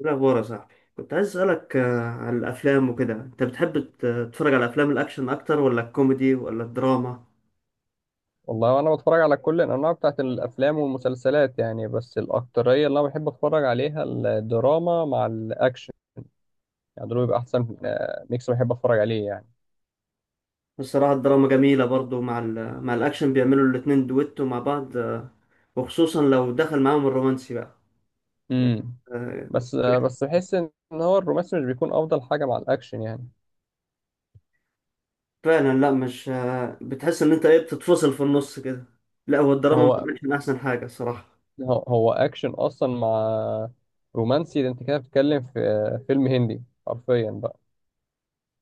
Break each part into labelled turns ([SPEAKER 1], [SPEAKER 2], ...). [SPEAKER 1] إيه الأخبار يا صاحبي؟ كنت عايز أسألك عن الأفلام وكده. أنت بتحب تتفرج على أفلام الأكشن أكتر ولا الكوميدي ولا الدراما؟
[SPEAKER 2] والله وانا بتفرج على كل الانواع بتاعت الافلام والمسلسلات يعني، بس الاكتريه اللي انا بحب اتفرج عليها الدراما مع الاكشن. يعني دول بيبقى احسن ميكس بحب اتفرج عليه يعني.
[SPEAKER 1] الصراحة الدراما جميلة برضو مع الأكشن، بيعملوا الاتنين دويتو مع بعض. وخصوصا لو دخل معاهم الرومانسي بقى.
[SPEAKER 2] امم
[SPEAKER 1] آه،
[SPEAKER 2] بس بحس ان هو الرومانسي مش بيكون افضل حاجه مع الاكشن يعني.
[SPEAKER 1] فعلا، لا مش بتحس إن أنت إيه بتتفصل في النص كده. لا، هو الدراما ما
[SPEAKER 2] هو
[SPEAKER 1] كانتش من أحسن حاجة الصراحة.
[SPEAKER 2] هو اكشن اصلا مع رومانسي، ده انت كده بتتكلم في فيلم هندي حرفيا بقى.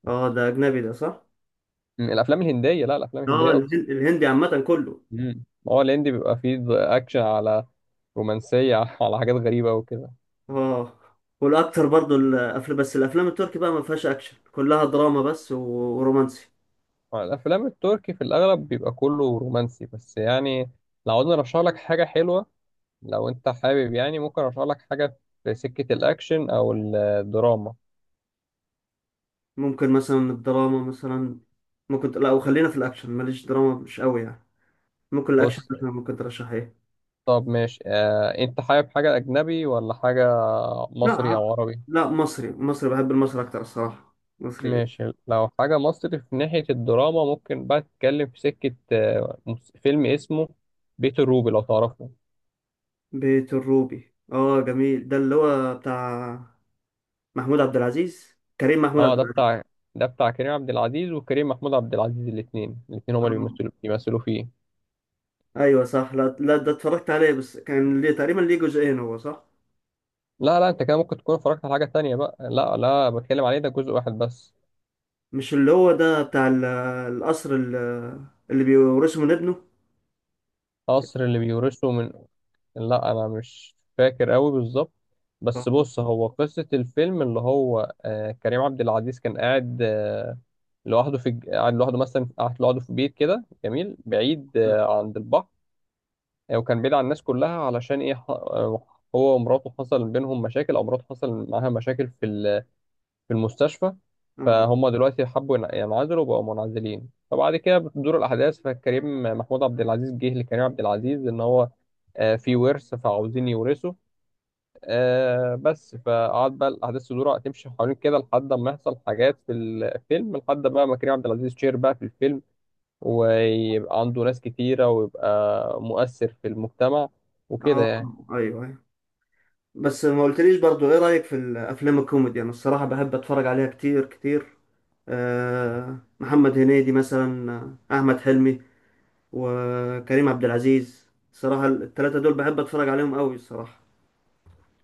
[SPEAKER 1] اه، ده أجنبي ده صح؟
[SPEAKER 2] الافلام الهنديه، لا، الافلام
[SPEAKER 1] اه،
[SPEAKER 2] الهنديه قصدي.
[SPEAKER 1] الهندي عامة كله.
[SPEAKER 2] مم. ما هو الهندي بيبقى فيه اكشن على رومانسيه على حاجات غريبه وكده.
[SPEAKER 1] اه. والاكتر برضو الافلام، بس الافلام التركي بقى ما فيهاش اكشن، كلها دراما بس ورومانسي.
[SPEAKER 2] الافلام التركي في الاغلب بيبقى كله رومانسي بس يعني. لو عاوزني ارشح لك حاجه حلوه، لو انت حابب يعني، ممكن ارشح لك حاجه في سكه الاكشن او الدراما.
[SPEAKER 1] ممكن مثلا الدراما مثلا. ممكن، لا وخلينا في الاكشن، ماليش دراما مش قوي يعني. ممكن الاكشن
[SPEAKER 2] بص.
[SPEAKER 1] مثلا، ممكن ترشح ايه؟
[SPEAKER 2] طب ماشي، انت حابب حاجه اجنبي ولا حاجه
[SPEAKER 1] لا،
[SPEAKER 2] مصري او عربي؟
[SPEAKER 1] لا مصري، مصري بحب المصري اكتر الصراحه، مصري.
[SPEAKER 2] ماشي، لو حاجه مصري في ناحيه الدراما، ممكن بقى تتكلم في سكه فيلم اسمه بيت الروبي، لو تعرفه.
[SPEAKER 1] بيت الروبي، اه جميل. ده اللي هو بتاع محمود عبد العزيز، كريم محمود
[SPEAKER 2] اه،
[SPEAKER 1] عبد
[SPEAKER 2] ده
[SPEAKER 1] العزيز.
[SPEAKER 2] بتاع كريم عبد العزيز وكريم محمود عبد العزيز، الاثنين هما اللي
[SPEAKER 1] آه.
[SPEAKER 2] بيمثلوا فيه.
[SPEAKER 1] ايوه صح. لا، لا، ده اتفرجت عليه، بس كان ليه تقريبا ليه جزئين، هو صح؟
[SPEAKER 2] لا، لا، انت كده ممكن تكون اتفرجت على حاجة تانية بقى. لا، لا، بتكلم عليه ده جزء واحد بس.
[SPEAKER 1] مش اللي هو ده بتاع القصر، اللي بيورثه من ابنه؟
[SPEAKER 2] قصر اللي بيورثه من، لا انا مش فاكر قوي بالظبط. بس
[SPEAKER 1] اه،
[SPEAKER 2] بص، هو قصة الفيلم اللي هو كريم عبد العزيز كان قاعد لوحده في الج- قاعد لوحده مثلا قاعد لوحده في بيت كده جميل بعيد عند البحر. وكان بعيد عن الناس كلها، علشان ايه هو ومراته حصل بينهم مشاكل، او مراته حصل معاها مشاكل في المستشفى.
[SPEAKER 1] اه،
[SPEAKER 2] فهم دلوقتي حبوا ينعزلوا وبقوا منعزلين. فبعد كده بتدور الأحداث، فكريم محمود عبد العزيز جه لكريم عبد العزيز إن هو في ورث فعاوزين يورثوا، بس فقعد بقى الأحداث تدور تمشي حوالين كده، لحد ما يحصل حاجات في الفيلم، لحد بقى ما كريم عبد العزيز شير بقى في الفيلم، ويبقى عنده ناس كتيرة ويبقى مؤثر في المجتمع وكده
[SPEAKER 1] آه،
[SPEAKER 2] يعني.
[SPEAKER 1] ايوه، ايوه. بس ما قلتليش برضو، ايه رأيك في الافلام الكوميدي؟ انا الصراحة بحب اتفرج عليها كتير كتير. محمد هنيدي مثلا، احمد حلمي وكريم عبد العزيز، الصراحة الثلاثة دول بحب اتفرج عليهم قوي الصراحة.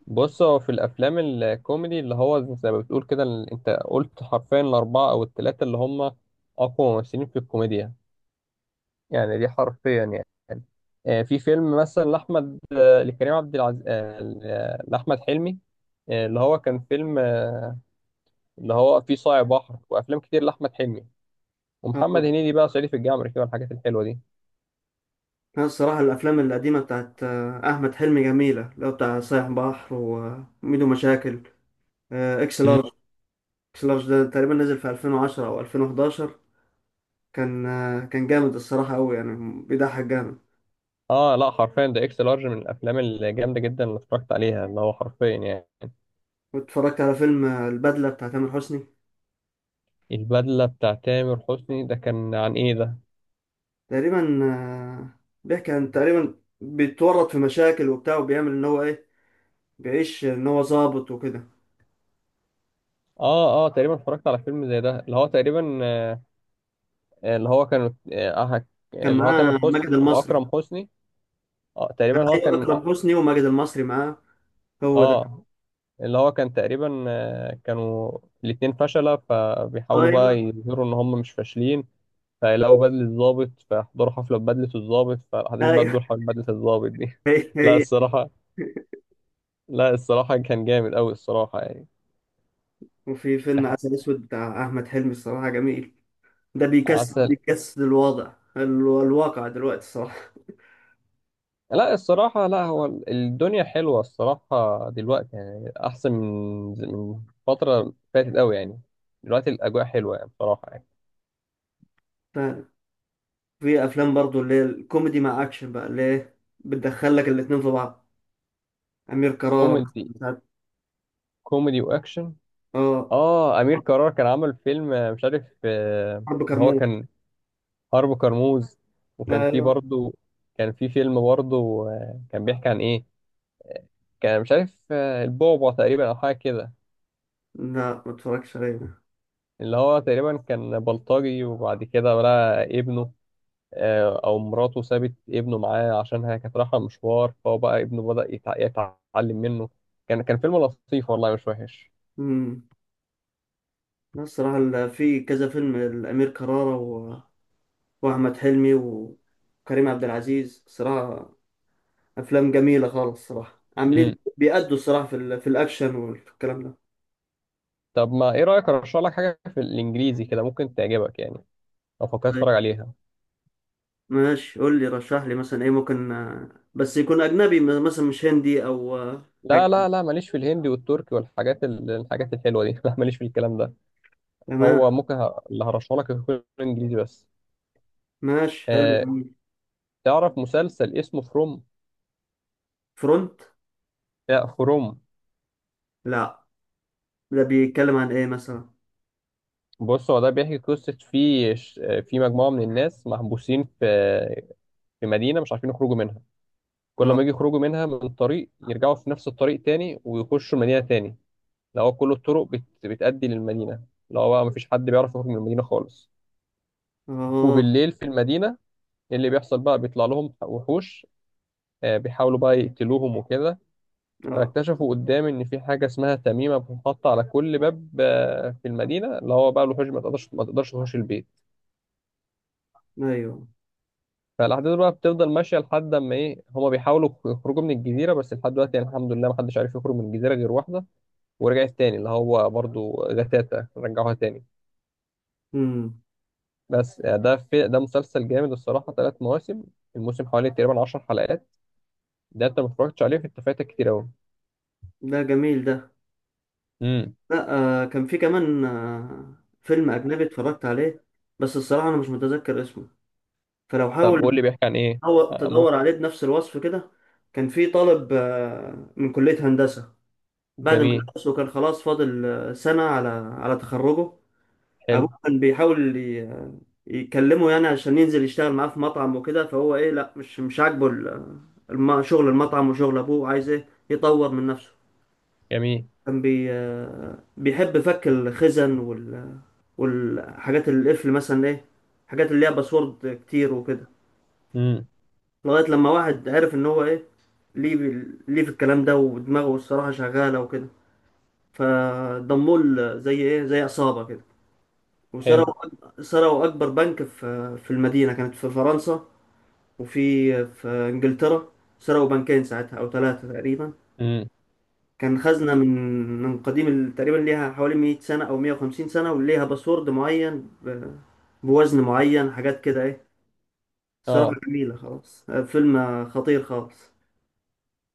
[SPEAKER 2] بص، هو في الافلام الكوميدي اللي هو زي ما بتقول كده، انت قلت حرفيا الاربعه او الثلاثه اللي هم اقوى ممثلين في الكوميديا. يعني دي حرفيا يعني. في فيلم مثلا لاحمد، لكريم عبد العزيز، لاحمد حلمي. اللي هو كان فيلم اللي هو فيه صايع بحر وافلام كتير لاحمد حلمي.
[SPEAKER 1] اه،
[SPEAKER 2] ومحمد هنيدي بقى صعيدي في الجامعه الامريكيه والحاجات الحلوه دي.
[SPEAKER 1] أنا الصراحة الافلام القديمة بتاعت احمد حلمي جميلة، اللي هو بتاع صايع بحر، وميدو مشاكل، اكس
[SPEAKER 2] مم.
[SPEAKER 1] لارج. كلاش، ده تقريبا نزل في 2010 او 2011. كان جامد الصراحه قوي يعني، بيضحك جامد.
[SPEAKER 2] اه، لا، حرفيا ده اكس لارج من الافلام الجامده جدا اللي اتفرجت عليها، اللي هو حرفيا يعني.
[SPEAKER 1] واتفرجت على فيلم البدله بتاع تامر حسني.
[SPEAKER 2] البدله بتاع تامر حسني ده كان عن ايه ده؟
[SPEAKER 1] تقريبا، بيحكي عن تقريبا بيتورط في مشاكل وبتاع، وبيعمل ان هو ايه، بيعيش ان هو ظابط وكده.
[SPEAKER 2] اه، اه، تقريبا اتفرجت على فيلم زي ده اللي هو تقريبا، اللي هو كان، آه،
[SPEAKER 1] كان
[SPEAKER 2] اللي هو تامر
[SPEAKER 1] معاه ماجد
[SPEAKER 2] حسني
[SPEAKER 1] المصري.
[SPEAKER 2] واكرم حسني. اه
[SPEAKER 1] كان،
[SPEAKER 2] تقريبا هو
[SPEAKER 1] ايوه،
[SPEAKER 2] كان،
[SPEAKER 1] اكرم حسني وماجد المصري معاه، هو ده.
[SPEAKER 2] آه، اللي هو كان تقريبا، كانوا الاتنين فشلة، فبيحاولوا
[SPEAKER 1] ايوه،
[SPEAKER 2] بقى يظهروا ان هم مش فاشلين. فيلاقوا بدلة الضابط، فيحضروا حفلة ببدلة الضابط، فالاحداث بقى
[SPEAKER 1] ايوه.
[SPEAKER 2] تدور حول بدلة الضابط دي
[SPEAKER 1] هي
[SPEAKER 2] لا
[SPEAKER 1] هي.
[SPEAKER 2] الصراحة، لا الصراحة كان جامد قوي الصراحة يعني.
[SPEAKER 1] وفي فيلم عسل اسود بتاع احمد حلمي، الصراحه جميل. ده بيكسر
[SPEAKER 2] عسل.
[SPEAKER 1] بيكسر الواقع دلوقتي الصراحه.
[SPEAKER 2] لا الصراحة، لا هو الدنيا حلوة الصراحة دلوقتي يعني، أحسن من فترة فاتت أوي يعني. دلوقتي الأجواء حلوة يعني، بصراحة يعني.
[SPEAKER 1] ففي افلام برضو، اللي هي الكوميدي مع اكشن بقى، اللي هي بتدخل لك الاتنين في بعض. امير كرارة
[SPEAKER 2] كوميدي،
[SPEAKER 1] مثلا
[SPEAKER 2] كوميدي وأكشن.
[SPEAKER 1] اه،
[SPEAKER 2] أمير كرارة كان عمل فيلم، مش عارف،
[SPEAKER 1] حرب
[SPEAKER 2] إن هو
[SPEAKER 1] كرموز.
[SPEAKER 2] كان حرب كرموز. وكان فيه
[SPEAKER 1] ايوه.
[SPEAKER 2] برضه، كان فيه فيلم برضه كان بيحكي عن إيه. كان مش عارف البعبع تقريبا، أو حاجة كده.
[SPEAKER 1] لا، ما اتفرجتش عليه ده.
[SPEAKER 2] اللي هو تقريبا كان بلطجي، وبعد كده بقى ابنه، او مراته سابت ابنه معاه عشان هي كانت رايحه مشوار، فهو بقى ابنه بدأ يتعلم منه. كان فيلم لطيف والله، مش وحش.
[SPEAKER 1] امم. لا الصراحه، في كذا فيلم الامير كرارة و... واحمد حلمي وكريم عبد العزيز، صراحه افلام جميله خالص، صراحه عاملين،
[SPEAKER 2] مم.
[SPEAKER 1] بيأدوا الصراحه، في الاكشن والكلام ده.
[SPEAKER 2] طب ما ايه رأيك ارشح لك حاجة في الانجليزي كده ممكن تعجبك يعني، لو فكرت
[SPEAKER 1] طيب،
[SPEAKER 2] تتفرج عليها؟
[SPEAKER 1] ماشي قول لي، رشح لي مثلا ايه ممكن، بس يكون اجنبي، مثلا مش هندي او
[SPEAKER 2] لا،
[SPEAKER 1] حاجه.
[SPEAKER 2] لا، لا، ماليش في الهندي والتركي والحاجات الحاجات الحلوة دي لا، ماليش في الكلام ده.
[SPEAKER 1] تمام.
[SPEAKER 2] هو ممكن اللي هرشح لك يكون انجليزي بس.
[SPEAKER 1] ماشي حلو
[SPEAKER 2] آه
[SPEAKER 1] جميل.
[SPEAKER 2] تعرف مسلسل اسمه فروم؟
[SPEAKER 1] فرونت؟
[SPEAKER 2] لا، فروم.
[SPEAKER 1] لا، ده بيتكلم عن ايه مثلا؟
[SPEAKER 2] بص، هو ده بيحكي قصة في في مجموعة من الناس محبوسين في مدينة، مش عارفين يخرجوا منها. كل
[SPEAKER 1] اه،
[SPEAKER 2] ما يجي يخرجوا منها من طريق، يرجعوا في نفس الطريق تاني ويخشوا مدينة تاني. اللي هو كل الطرق بتأدي للمدينة. اللي هو بقى مفيش حد بيعرف يخرج من المدينة خالص.
[SPEAKER 1] اه،
[SPEAKER 2] وبالليل في المدينة، اللي بيحصل بقى بيطلع لهم وحوش، بيحاولوا بقى يقتلوهم وكده.
[SPEAKER 1] اه،
[SPEAKER 2] فاكتشفوا قدام ان في حاجة اسمها تميمة بتتحط على كل باب في المدينة، اللي هو بقى الوحوش ما تقدرش تخش البيت.
[SPEAKER 1] ايوه،
[SPEAKER 2] فالاحداث بقى بتفضل ماشيه لحد اما ايه، هما بيحاولوا يخرجوا من الجزيره، بس لحد دلوقتي يعني الحمد لله ما حدش عارف يخرج من الجزيره غير واحده، ورجعت تاني اللي هو برضو جتاتا رجعوها تاني.
[SPEAKER 1] امم،
[SPEAKER 2] بس ده في ده مسلسل جامد الصراحة، 3 مواسم. الموسم حوالي تقريبا 10 حلقات. ده انت ما اتفرجتش عليه، فانت فايتك كتير أوي.
[SPEAKER 1] ده جميل ده.
[SPEAKER 2] امم.
[SPEAKER 1] لا، كان في كمان فيلم اجنبي اتفرجت عليه، بس الصراحه انا مش متذكر اسمه. فلو
[SPEAKER 2] طب قول
[SPEAKER 1] حاول
[SPEAKER 2] لي بيحكي عن ايه.
[SPEAKER 1] تدور
[SPEAKER 2] ممكن.
[SPEAKER 1] تدور عليه بنفس الوصف كده. كان في طالب من كليه هندسه، بعد ما
[SPEAKER 2] جميل.
[SPEAKER 1] درس وكان خلاص فاضل سنه على تخرجه.
[SPEAKER 2] حلو
[SPEAKER 1] ابوه كان بيحاول يكلمه يعني عشان ينزل يشتغل معاه في مطعم وكده، فهو ايه لا مش عاجبه شغل المطعم، وشغل ابوه عايز ايه يطور من نفسه.
[SPEAKER 2] جميل.
[SPEAKER 1] كان بيحب فك الخزن والحاجات القفل مثلا ايه، حاجات اللي ليها باسورد كتير وكده.
[SPEAKER 2] امم.
[SPEAKER 1] لغاية لما واحد عرف ان هو ايه، ليه ليه في الكلام ده، ودماغه الصراحة شغالة وكده. فضموه زي ايه زي عصابة كده.
[SPEAKER 2] حلو.
[SPEAKER 1] وسرقوا سرقوا أكبر بنك في المدينة، كانت في فرنسا. وفي إنجلترا، سرقوا بنكين ساعتها أو ثلاثة تقريبا.
[SPEAKER 2] امم.
[SPEAKER 1] كان خزنة من قديم، تقريبا ليها حوالي 100 سنة أو 150 سنة، وليها باسورد معين بوزن معين حاجات كده إيه. صراحة
[SPEAKER 2] اه،
[SPEAKER 1] جميلة خلاص، فيلم خطير خالص.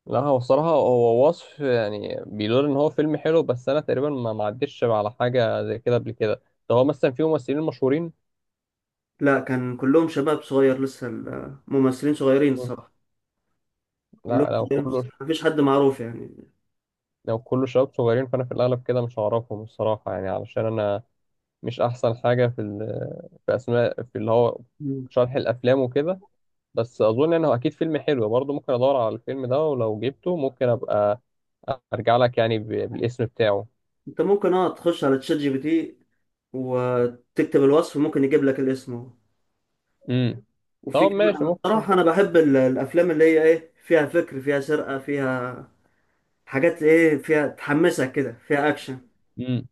[SPEAKER 2] لا، هو الصراحة هو وصف يعني بيقول ان هو فيلم حلو، بس انا تقريبا ما عدتش على حاجة زي كده قبل كده. ده هو مثلا فيه ممثلين مشهورين؟
[SPEAKER 1] لا، كان كلهم شباب صغير لسه، الممثلين صغيرين الصراحة، كلهم
[SPEAKER 2] لا،
[SPEAKER 1] صغيرين، مفيش حد معروف يعني.
[SPEAKER 2] لو كله شباب صغيرين فانا في الاغلب كده مش هعرفهم الصراحه يعني، علشان انا مش احسن حاجه في في اسماء في اللي هو شرح الافلام وكده. بس اظن انه اكيد فيلم حلو برضه، ممكن ادور على الفيلم ده، ولو جبته ممكن ابقى ارجع لك يعني بالاسم بتاعه.
[SPEAKER 1] انت ممكن اه تخش على تشات GPT، وتكتب الوصف ممكن يجيب لك الاسم اهو.
[SPEAKER 2] امم.
[SPEAKER 1] وفي
[SPEAKER 2] طب
[SPEAKER 1] كمان
[SPEAKER 2] ماشي،
[SPEAKER 1] انا
[SPEAKER 2] ممكن.
[SPEAKER 1] الصراحه، انا بحب الافلام اللي هي ايه، فيها فكر، فيها سرقه، فيها حاجات ايه، فيها تحمسك كده، فيها اكشن.
[SPEAKER 2] امم.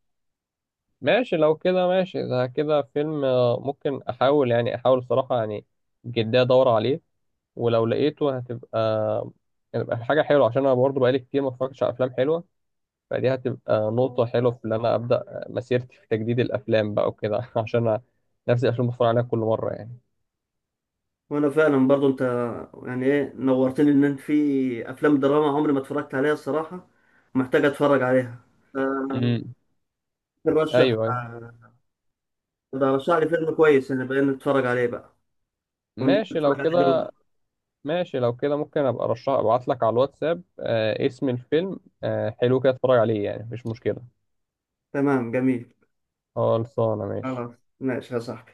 [SPEAKER 2] ماشي اذا كده فيلم، ممكن احاول يعني الصراحه يعني جدا ادور عليه. ولو لقيته هتبقى حاجه حلوه عشان انا برضه بقالي كتير ما اتفرجتش على افلام حلوه. فدي هتبقى نقطة حلوة في إن أنا أبدأ مسيرتي في تجديد الأفلام بقى وكده عشان أنا نفس الأفلام بتفرج عليها كل مرة يعني.
[SPEAKER 1] وانا فعلا برضو، انت يعني ايه نورتني، ان انت في افلام دراما عمري ما اتفرجت عليها الصراحه، ومحتاج اتفرج عليها.
[SPEAKER 2] امم.
[SPEAKER 1] فرشح
[SPEAKER 2] أيوه، أيوه،
[SPEAKER 1] رشح لي فيلم كويس، انا بقى نتفرج عليه بقى،
[SPEAKER 2] ماشي لو
[SPEAKER 1] ونتفرج عليه
[SPEAKER 2] كده.
[SPEAKER 1] دلوقتي.
[SPEAKER 2] ممكن أبقى أرشح أبعت لك على الواتساب، اسم الفيلم، حلو كده أتفرج عليه يعني، مفيش مشكلة.
[SPEAKER 1] تمام جميل،
[SPEAKER 2] خلصانة، ماشي.
[SPEAKER 1] خلاص ماشي يا صاحبي.